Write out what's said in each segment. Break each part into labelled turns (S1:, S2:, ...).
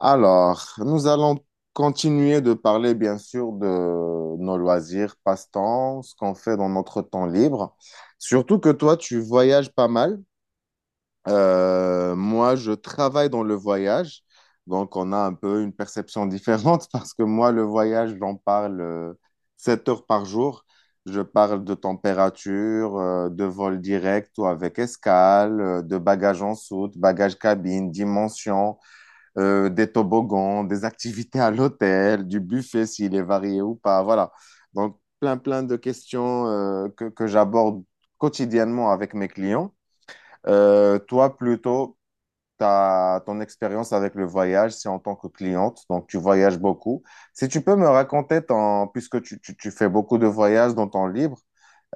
S1: Alors, nous allons continuer de parler, bien sûr, de nos loisirs, passe-temps, ce qu'on fait dans notre temps libre. Surtout que toi, tu voyages pas mal. Moi, je travaille dans le voyage. Donc, on a un peu une perception différente parce que moi, le voyage, j'en parle 7 heures par jour. Je parle de température, de vol direct ou avec escale, de bagages en soute, bagages cabine, dimension des toboggans, des activités à l'hôtel, du buffet s'il est varié ou pas. Voilà. Donc, plein de questions que j'aborde quotidiennement avec mes clients. Toi, plutôt, ton expérience avec le voyage, c'est en tant que cliente, donc tu voyages beaucoup. Si tu peux me raconter, ton, puisque tu fais beaucoup de voyages dans ton livre,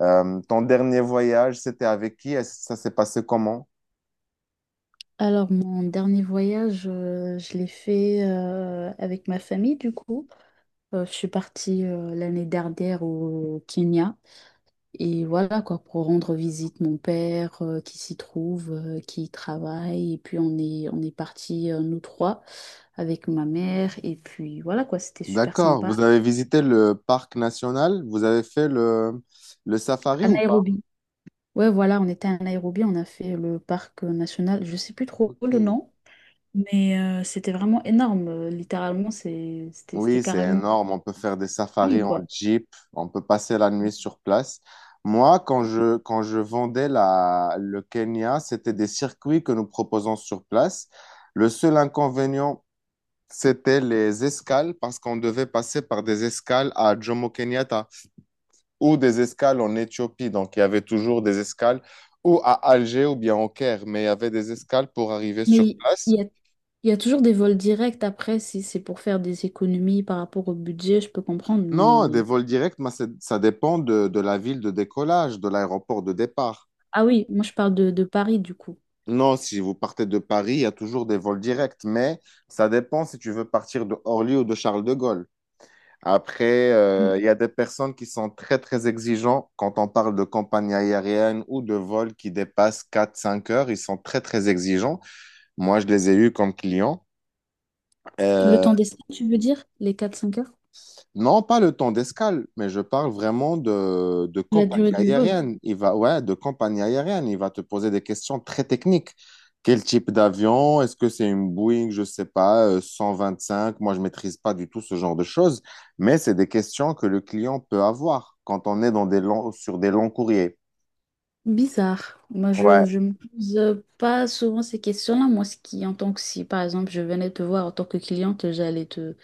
S1: ton dernier voyage, c'était avec qui? Ça s'est passé comment?
S2: Alors, mon dernier voyage, je l'ai fait avec ma famille, du coup. Je suis partie l'année dernière au Kenya. Et voilà, quoi, pour rendre visite mon père qui s'y trouve, qui y travaille. Et puis, on est partis, nous trois, avec ma mère. Et puis, voilà, quoi, c'était super
S1: D'accord.
S2: sympa.
S1: Vous avez visité le parc national? Vous avez fait le safari
S2: À
S1: ou pas?
S2: Nairobi. Ouais, voilà, on était à Nairobi, on a fait le parc national, je sais plus trop
S1: Ok.
S2: le nom. Mais c'était vraiment énorme. Littéralement, c'était
S1: Oui, c'est
S2: carrément
S1: énorme. On peut faire des
S2: lui,
S1: safaris en
S2: quoi.
S1: jeep. On peut passer la nuit sur place. Moi, quand je vendais le Kenya, c'était des circuits que nous proposons sur place. Le seul inconvénient, c'était les escales parce qu'on devait passer par des escales à Jomo Kenyatta, ou des escales en Éthiopie. Donc, il y avait toujours des escales ou à Alger ou bien au Caire, mais il y avait des escales pour arriver sur
S2: Mais
S1: place.
S2: il y a, il y a toujours des vols directs après, si c'est pour faire des économies par rapport au budget, je peux comprendre,
S1: Non, des
S2: mais...
S1: vols directs, mais ça dépend de la ville de décollage, de l'aéroport de départ.
S2: Ah oui, moi je parle de Paris du coup.
S1: Non, si vous partez de Paris, il y a toujours des vols directs, mais ça dépend si tu veux partir de Orly ou de Charles de Gaulle. Après,
S2: Oui.
S1: il y a des personnes qui sont très, très exigeants quand on parle de compagnie aérienne ou de vols qui dépassent 4 5 heures. Ils sont très, très exigeants. Moi, je les ai eus comme clients.
S2: Le
S1: Euh,
S2: temps d'essai, tu veux dire? Les 4 5 heures?
S1: non, pas le temps d'escale, mais je parle vraiment de
S2: La durée
S1: compagnie
S2: du vol?
S1: aérienne. Il va, ouais, de compagnie aérienne. Il va te poser des questions très techniques. Quel type d'avion? Est-ce que c'est une Boeing, je sais pas, cinq. Moi, je maîtrise pas du tout ce genre de choses, mais c'est des questions que le client peut avoir quand on est dans des sur des longs courriers.
S2: Bizarre. Moi, je,
S1: Ouais.
S2: je me pose pas souvent ces questions-là. Moi, ce qui, en tant que si, par exemple, je venais te voir en tant que cliente, j'allais te,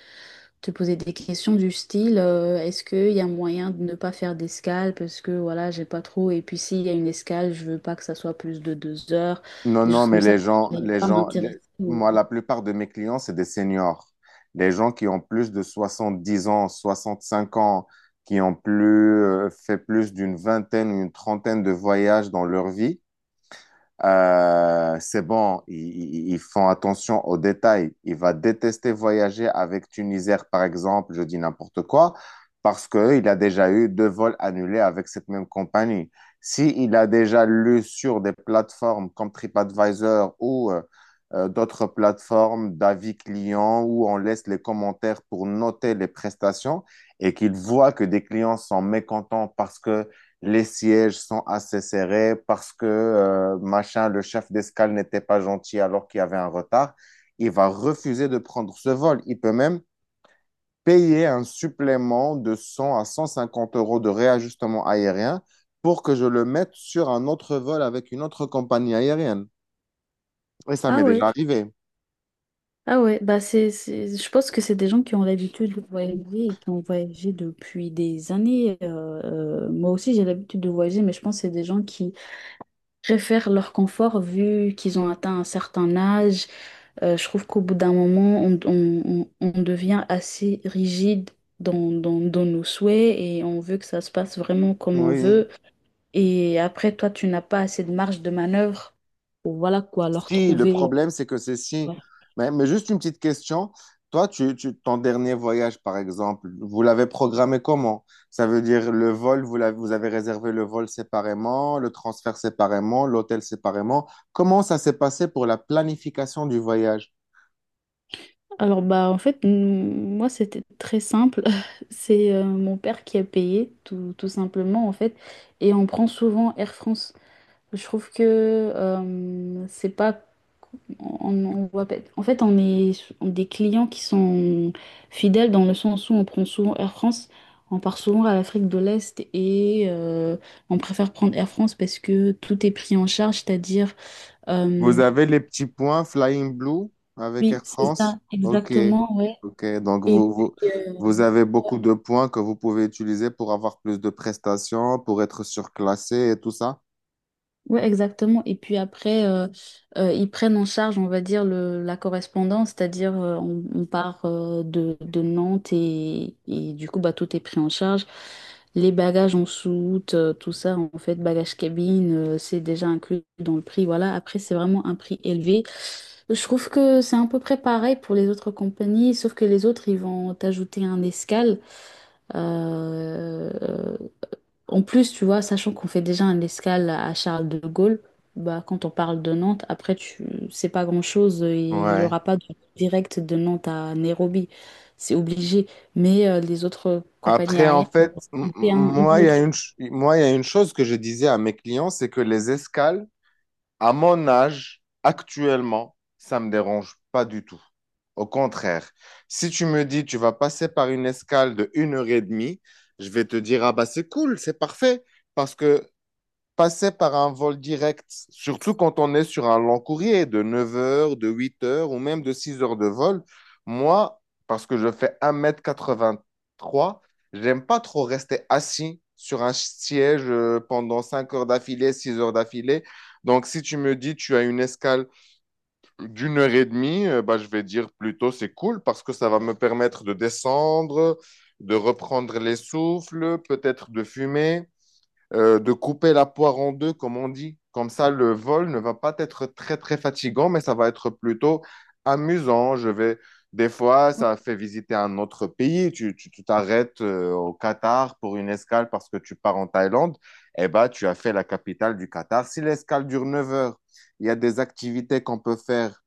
S2: te poser des questions du style est-ce qu'il y a moyen de ne pas faire d'escale parce que voilà, j'ai pas trop. Et puis s'il y a une escale, je veux pas que ça soit plus de 2 heures,
S1: Non,
S2: des
S1: non,
S2: choses
S1: mais
S2: comme ça.
S1: les gens,
S2: Je vais
S1: les
S2: pas
S1: gens,
S2: m'intéresser
S1: les-
S2: au-
S1: moi, la plupart de mes clients, c'est des seniors. Des gens qui ont plus de 70 ans, 65 ans, qui ont plus, fait plus d'une vingtaine, une trentaine de voyages dans leur vie. C'est bon, ils font attention aux détails. Il va détester voyager avec Tunisair, par exemple, je dis n'importe quoi, parce qu'il a déjà eu 2 vols annulés avec cette même compagnie. S'il a déjà lu sur des plateformes comme TripAdvisor ou d'autres plateformes d'avis clients où on laisse les commentaires pour noter les prestations et qu'il voit que des clients sont mécontents parce que les sièges sont assez serrés parce que machin, le chef d'escale n'était pas gentil alors qu'il y avait un retard, il va refuser de prendre ce vol. Il peut même payer un supplément de 100 à 150 euros de réajustement aérien pour que je le mette sur un autre vol avec une autre compagnie aérienne. Et ça
S2: Ah
S1: m'est
S2: ouais,
S1: déjà arrivé.
S2: ah ouais, bah c'est, je pense que c'est des gens qui ont l'habitude de voyager et qui ont voyagé depuis des années. Moi aussi, j'ai l'habitude de voyager, mais je pense que c'est des gens qui préfèrent leur confort vu qu'ils ont atteint un certain âge. Je trouve qu'au bout d'un moment, on devient assez rigide dans nos souhaits et on veut que ça se passe vraiment comme on
S1: Oui.
S2: veut. Et après, toi, tu n'as pas assez de marge de manœuvre. Voilà quoi, leur
S1: Si, le
S2: trouver.
S1: problème, c'est que c'est si.
S2: Ouais.
S1: Mais juste une petite question. Toi, ton dernier voyage, par exemple, vous l'avez programmé comment? Ça veut dire le vol, vous avez réservé le vol séparément, le transfert séparément, l'hôtel séparément. Comment ça s'est passé pour la planification du voyage?
S2: Alors, bah, en fait, moi, c'était très simple. C'est mon père qui a payé, tout simplement, en fait. Et on prend souvent Air France. Je trouve que c'est pas. On, on voit pas- en fait, on est des clients qui sont fidèles dans le sens où on prend souvent Air France, on part souvent à l'Afrique de l'Est et on préfère prendre Air France parce que tout est pris en charge, c'est-à-dire...
S1: Vous
S2: euh,
S1: avez les petits points Flying Blue avec
S2: oui,
S1: Air
S2: c'est
S1: France?
S2: ça,
S1: Ok,
S2: exactement, ouais.
S1: ok. Donc,
S2: Et puis,
S1: vous avez beaucoup de points que vous pouvez utiliser pour avoir plus de prestations, pour être surclassé et tout ça?
S2: ouais, exactement. Et puis après, ils prennent en charge, on va dire, la correspondance, c'est-à-dire on part de Nantes et du coup, bah, tout est pris en charge. Les bagages en soute, tout ça, en fait, bagages cabine, c'est déjà inclus dans le prix. Voilà. Après, c'est vraiment un prix élevé. Je trouve que c'est à peu près pareil pour les autres compagnies, sauf que les autres, ils vont t'ajouter un escale. Euh, en plus, tu vois, sachant qu'on fait déjà un escale à Charles de Gaulle, bah, quand on parle de Nantes, après, tu c'est pas grand-chose. Il y
S1: Ouais.
S2: aura pas de direct de Nantes à Nairobi. C'est obligé. Mais les autres compagnies
S1: Après, en
S2: aériennes,
S1: fait,
S2: c'était une
S1: moi, il y a
S2: autre.
S1: une, il y a une chose que je disais à mes clients, c'est que les escales, à mon âge, actuellement, ça me dérange pas du tout. Au contraire, si tu me dis, tu vas passer par une escale de une heure et demie, je vais te dire, ah bah c'est cool, c'est parfait, parce que passer par un vol direct, surtout quand on est sur un long courrier de 9 heures, de 8 heures ou même de 6 heures de vol, moi, parce que je fais 1,83 m, j'aime pas trop rester assis sur un siège pendant 5 heures d'affilée, 6 heures d'affilée. Donc, si tu me dis tu as une escale d'une heure et demie, bah, je vais dire plutôt c'est cool parce que ça va me permettre de descendre, de reprendre les souffles, peut-être de fumer de couper la poire en deux, comme on dit. Comme ça, le vol ne va pas être très, très fatigant, mais ça va être plutôt amusant. Je vais, des fois, ça fait visiter un autre pays. Tu t'arrêtes au Qatar pour une escale parce que tu pars en Thaïlande. Eh ben, tu as fait la capitale du Qatar. Si l'escale dure 9 heures, il y a des activités qu'on peut faire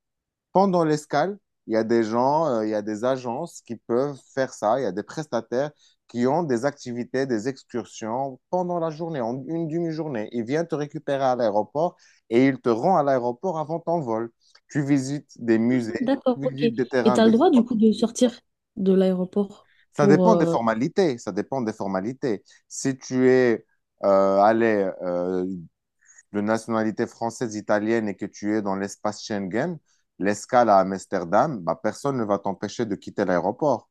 S1: pendant l'escale, il y a des gens, il y a des agences qui peuvent faire ça. Il y a des prestataires qui ont des activités, des excursions pendant la journée, en une demi-journée. Ils viennent te récupérer à l'aéroport et ils te rendent à l'aéroport avant ton vol. Tu visites des
S2: Ah,
S1: musées,
S2: d'accord,
S1: tu
S2: ok.
S1: visites des
S2: Et
S1: terrains
S2: tu as le
S1: de
S2: droit, du coup,
S1: sport.
S2: de sortir de l'aéroport
S1: Ça
S2: pour...
S1: dépend des formalités. Ça dépend des formalités. Si tu es allé de nationalité française, italienne et que tu es dans l'espace Schengen, l'escale à Amsterdam, bah, personne ne va t'empêcher de quitter l'aéroport,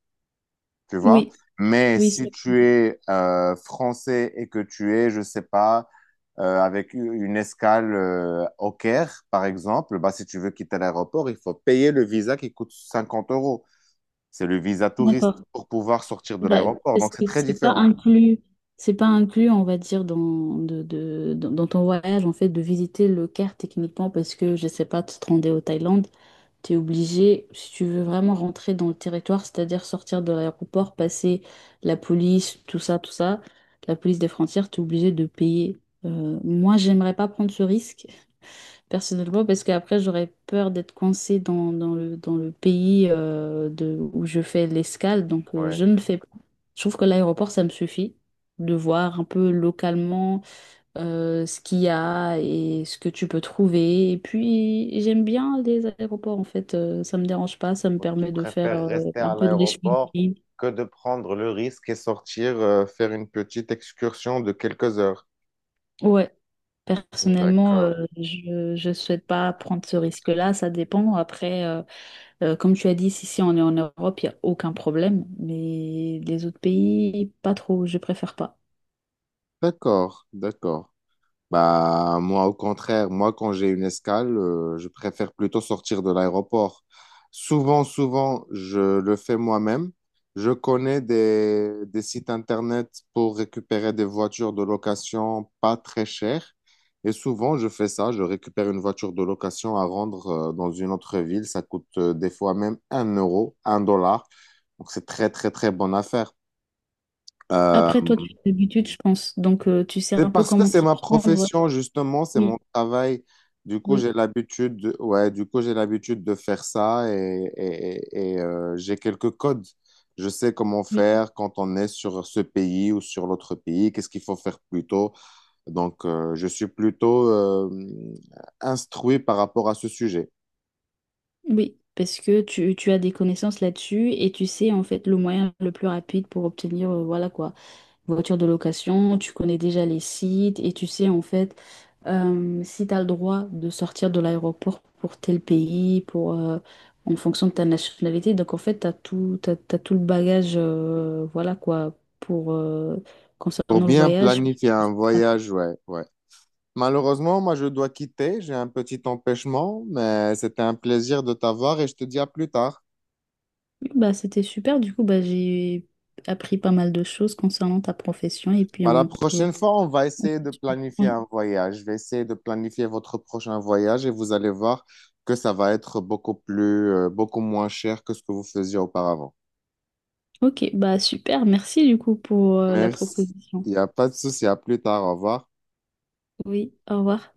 S1: tu vois.
S2: Oui,
S1: Mais
S2: oui,
S1: si tu es français et que tu es, je sais pas, avec une escale au Caire, par exemple, bah, si tu veux quitter l'aéroport, il faut payer le visa qui coûte 50 euros. C'est le visa touriste
S2: d'accord.
S1: pour pouvoir sortir de
S2: Bah,
S1: l'aéroport.
S2: parce
S1: Donc, c'est
S2: que
S1: très
S2: c'est pas
S1: différent.
S2: inclus, c'est pas inclus, on va dire, dans ton voyage, en fait, de visiter le Caire techniquement, parce que, je sais pas, tu te rendais au Thaïlande, tu es obligé, si tu veux vraiment rentrer dans le territoire, c'est-à-dire sortir de l'aéroport, passer la police, tout ça, la police des frontières, tu es obligé de payer. Moi, j'aimerais pas prendre ce risque personnellement, parce qu'après, j'aurais peur d'être coincée dans le pays où je fais l'escale, donc je
S1: Ouais.
S2: ne le fais pas. Je trouve que l'aéroport, ça me suffit de voir un peu localement ce qu'il y a et ce que tu peux trouver. Et puis, j'aime bien les aéroports, en fait, ça me dérange pas, ça me
S1: Oui, tu
S2: permet de faire
S1: préfères rester
S2: un
S1: à
S2: peu de
S1: l'aéroport
S2: l'ashwinking.
S1: que de prendre le risque et sortir faire une petite excursion de quelques heures.
S2: Ouais. Personnellement,
S1: D'accord.
S2: je ne souhaite pas prendre ce risque-là. Ça dépend. Après, comme tu as dit, si on est en Europe, il n'y a aucun problème, mais les autres pays, pas trop, je préfère pas.
S1: D'accord, d'accord. Bah, moi, au contraire, moi, quand j'ai une escale, je préfère plutôt sortir de l'aéroport. Souvent, souvent, je le fais moi-même. Je connais des sites internet pour récupérer des voitures de location pas très chères. Et souvent, je fais ça. Je récupère une voiture de location à rendre dans une autre ville. Ça coûte des fois même un euro, un dollar. Donc, c'est très, très, très bonne affaire. Euh,
S2: Après, toi, tu as l'habitude, je pense, donc tu sais
S1: c'est
S2: un peu
S1: parce que
S2: comment
S1: c'est
S2: t'y
S1: ma
S2: prendre.
S1: profession, justement, c'est
S2: Oui,
S1: mon travail. Du coup,
S2: oui,
S1: j'ai l'habitude de, ouais, du coup, j'ai l'habitude de faire ça et j'ai quelques codes. Je sais comment
S2: oui,
S1: faire quand on est sur ce pays ou sur l'autre pays, qu'est-ce qu'il faut faire plutôt. Donc, je suis plutôt instruit par rapport à ce sujet.
S2: oui, parce que tu as des connaissances là-dessus et tu sais en fait le moyen le plus rapide pour obtenir, voilà quoi, voiture de location, tu connais déjà les sites et tu sais en fait si tu as le droit de sortir de l'aéroport pour tel pays, en fonction de ta nationalité. Donc en fait, tu as tout, t'as- t'as tout le bagage, voilà quoi,
S1: Pour
S2: concernant le
S1: bien
S2: voyage.
S1: planifier un voyage, ouais, ouais. Malheureusement, moi, je dois quitter. J'ai un petit empêchement, mais c'était un plaisir de t'avoir et je te dis à plus tard.
S2: Bah, c'était super, du coup, bah, j'ai appris pas mal de choses concernant ta profession et puis
S1: Bah, la
S2: on peut...
S1: prochaine fois, on va essayer de planifier un voyage. Je vais essayer de planifier votre prochain voyage et vous allez voir que ça va être beaucoup plus, beaucoup moins cher que ce que vous faisiez auparavant.
S2: Ok, bah super, merci du coup pour la
S1: Merci.
S2: proposition.
S1: Il n'y a pas de souci. À plus tard. Au revoir.
S2: Oui, au revoir.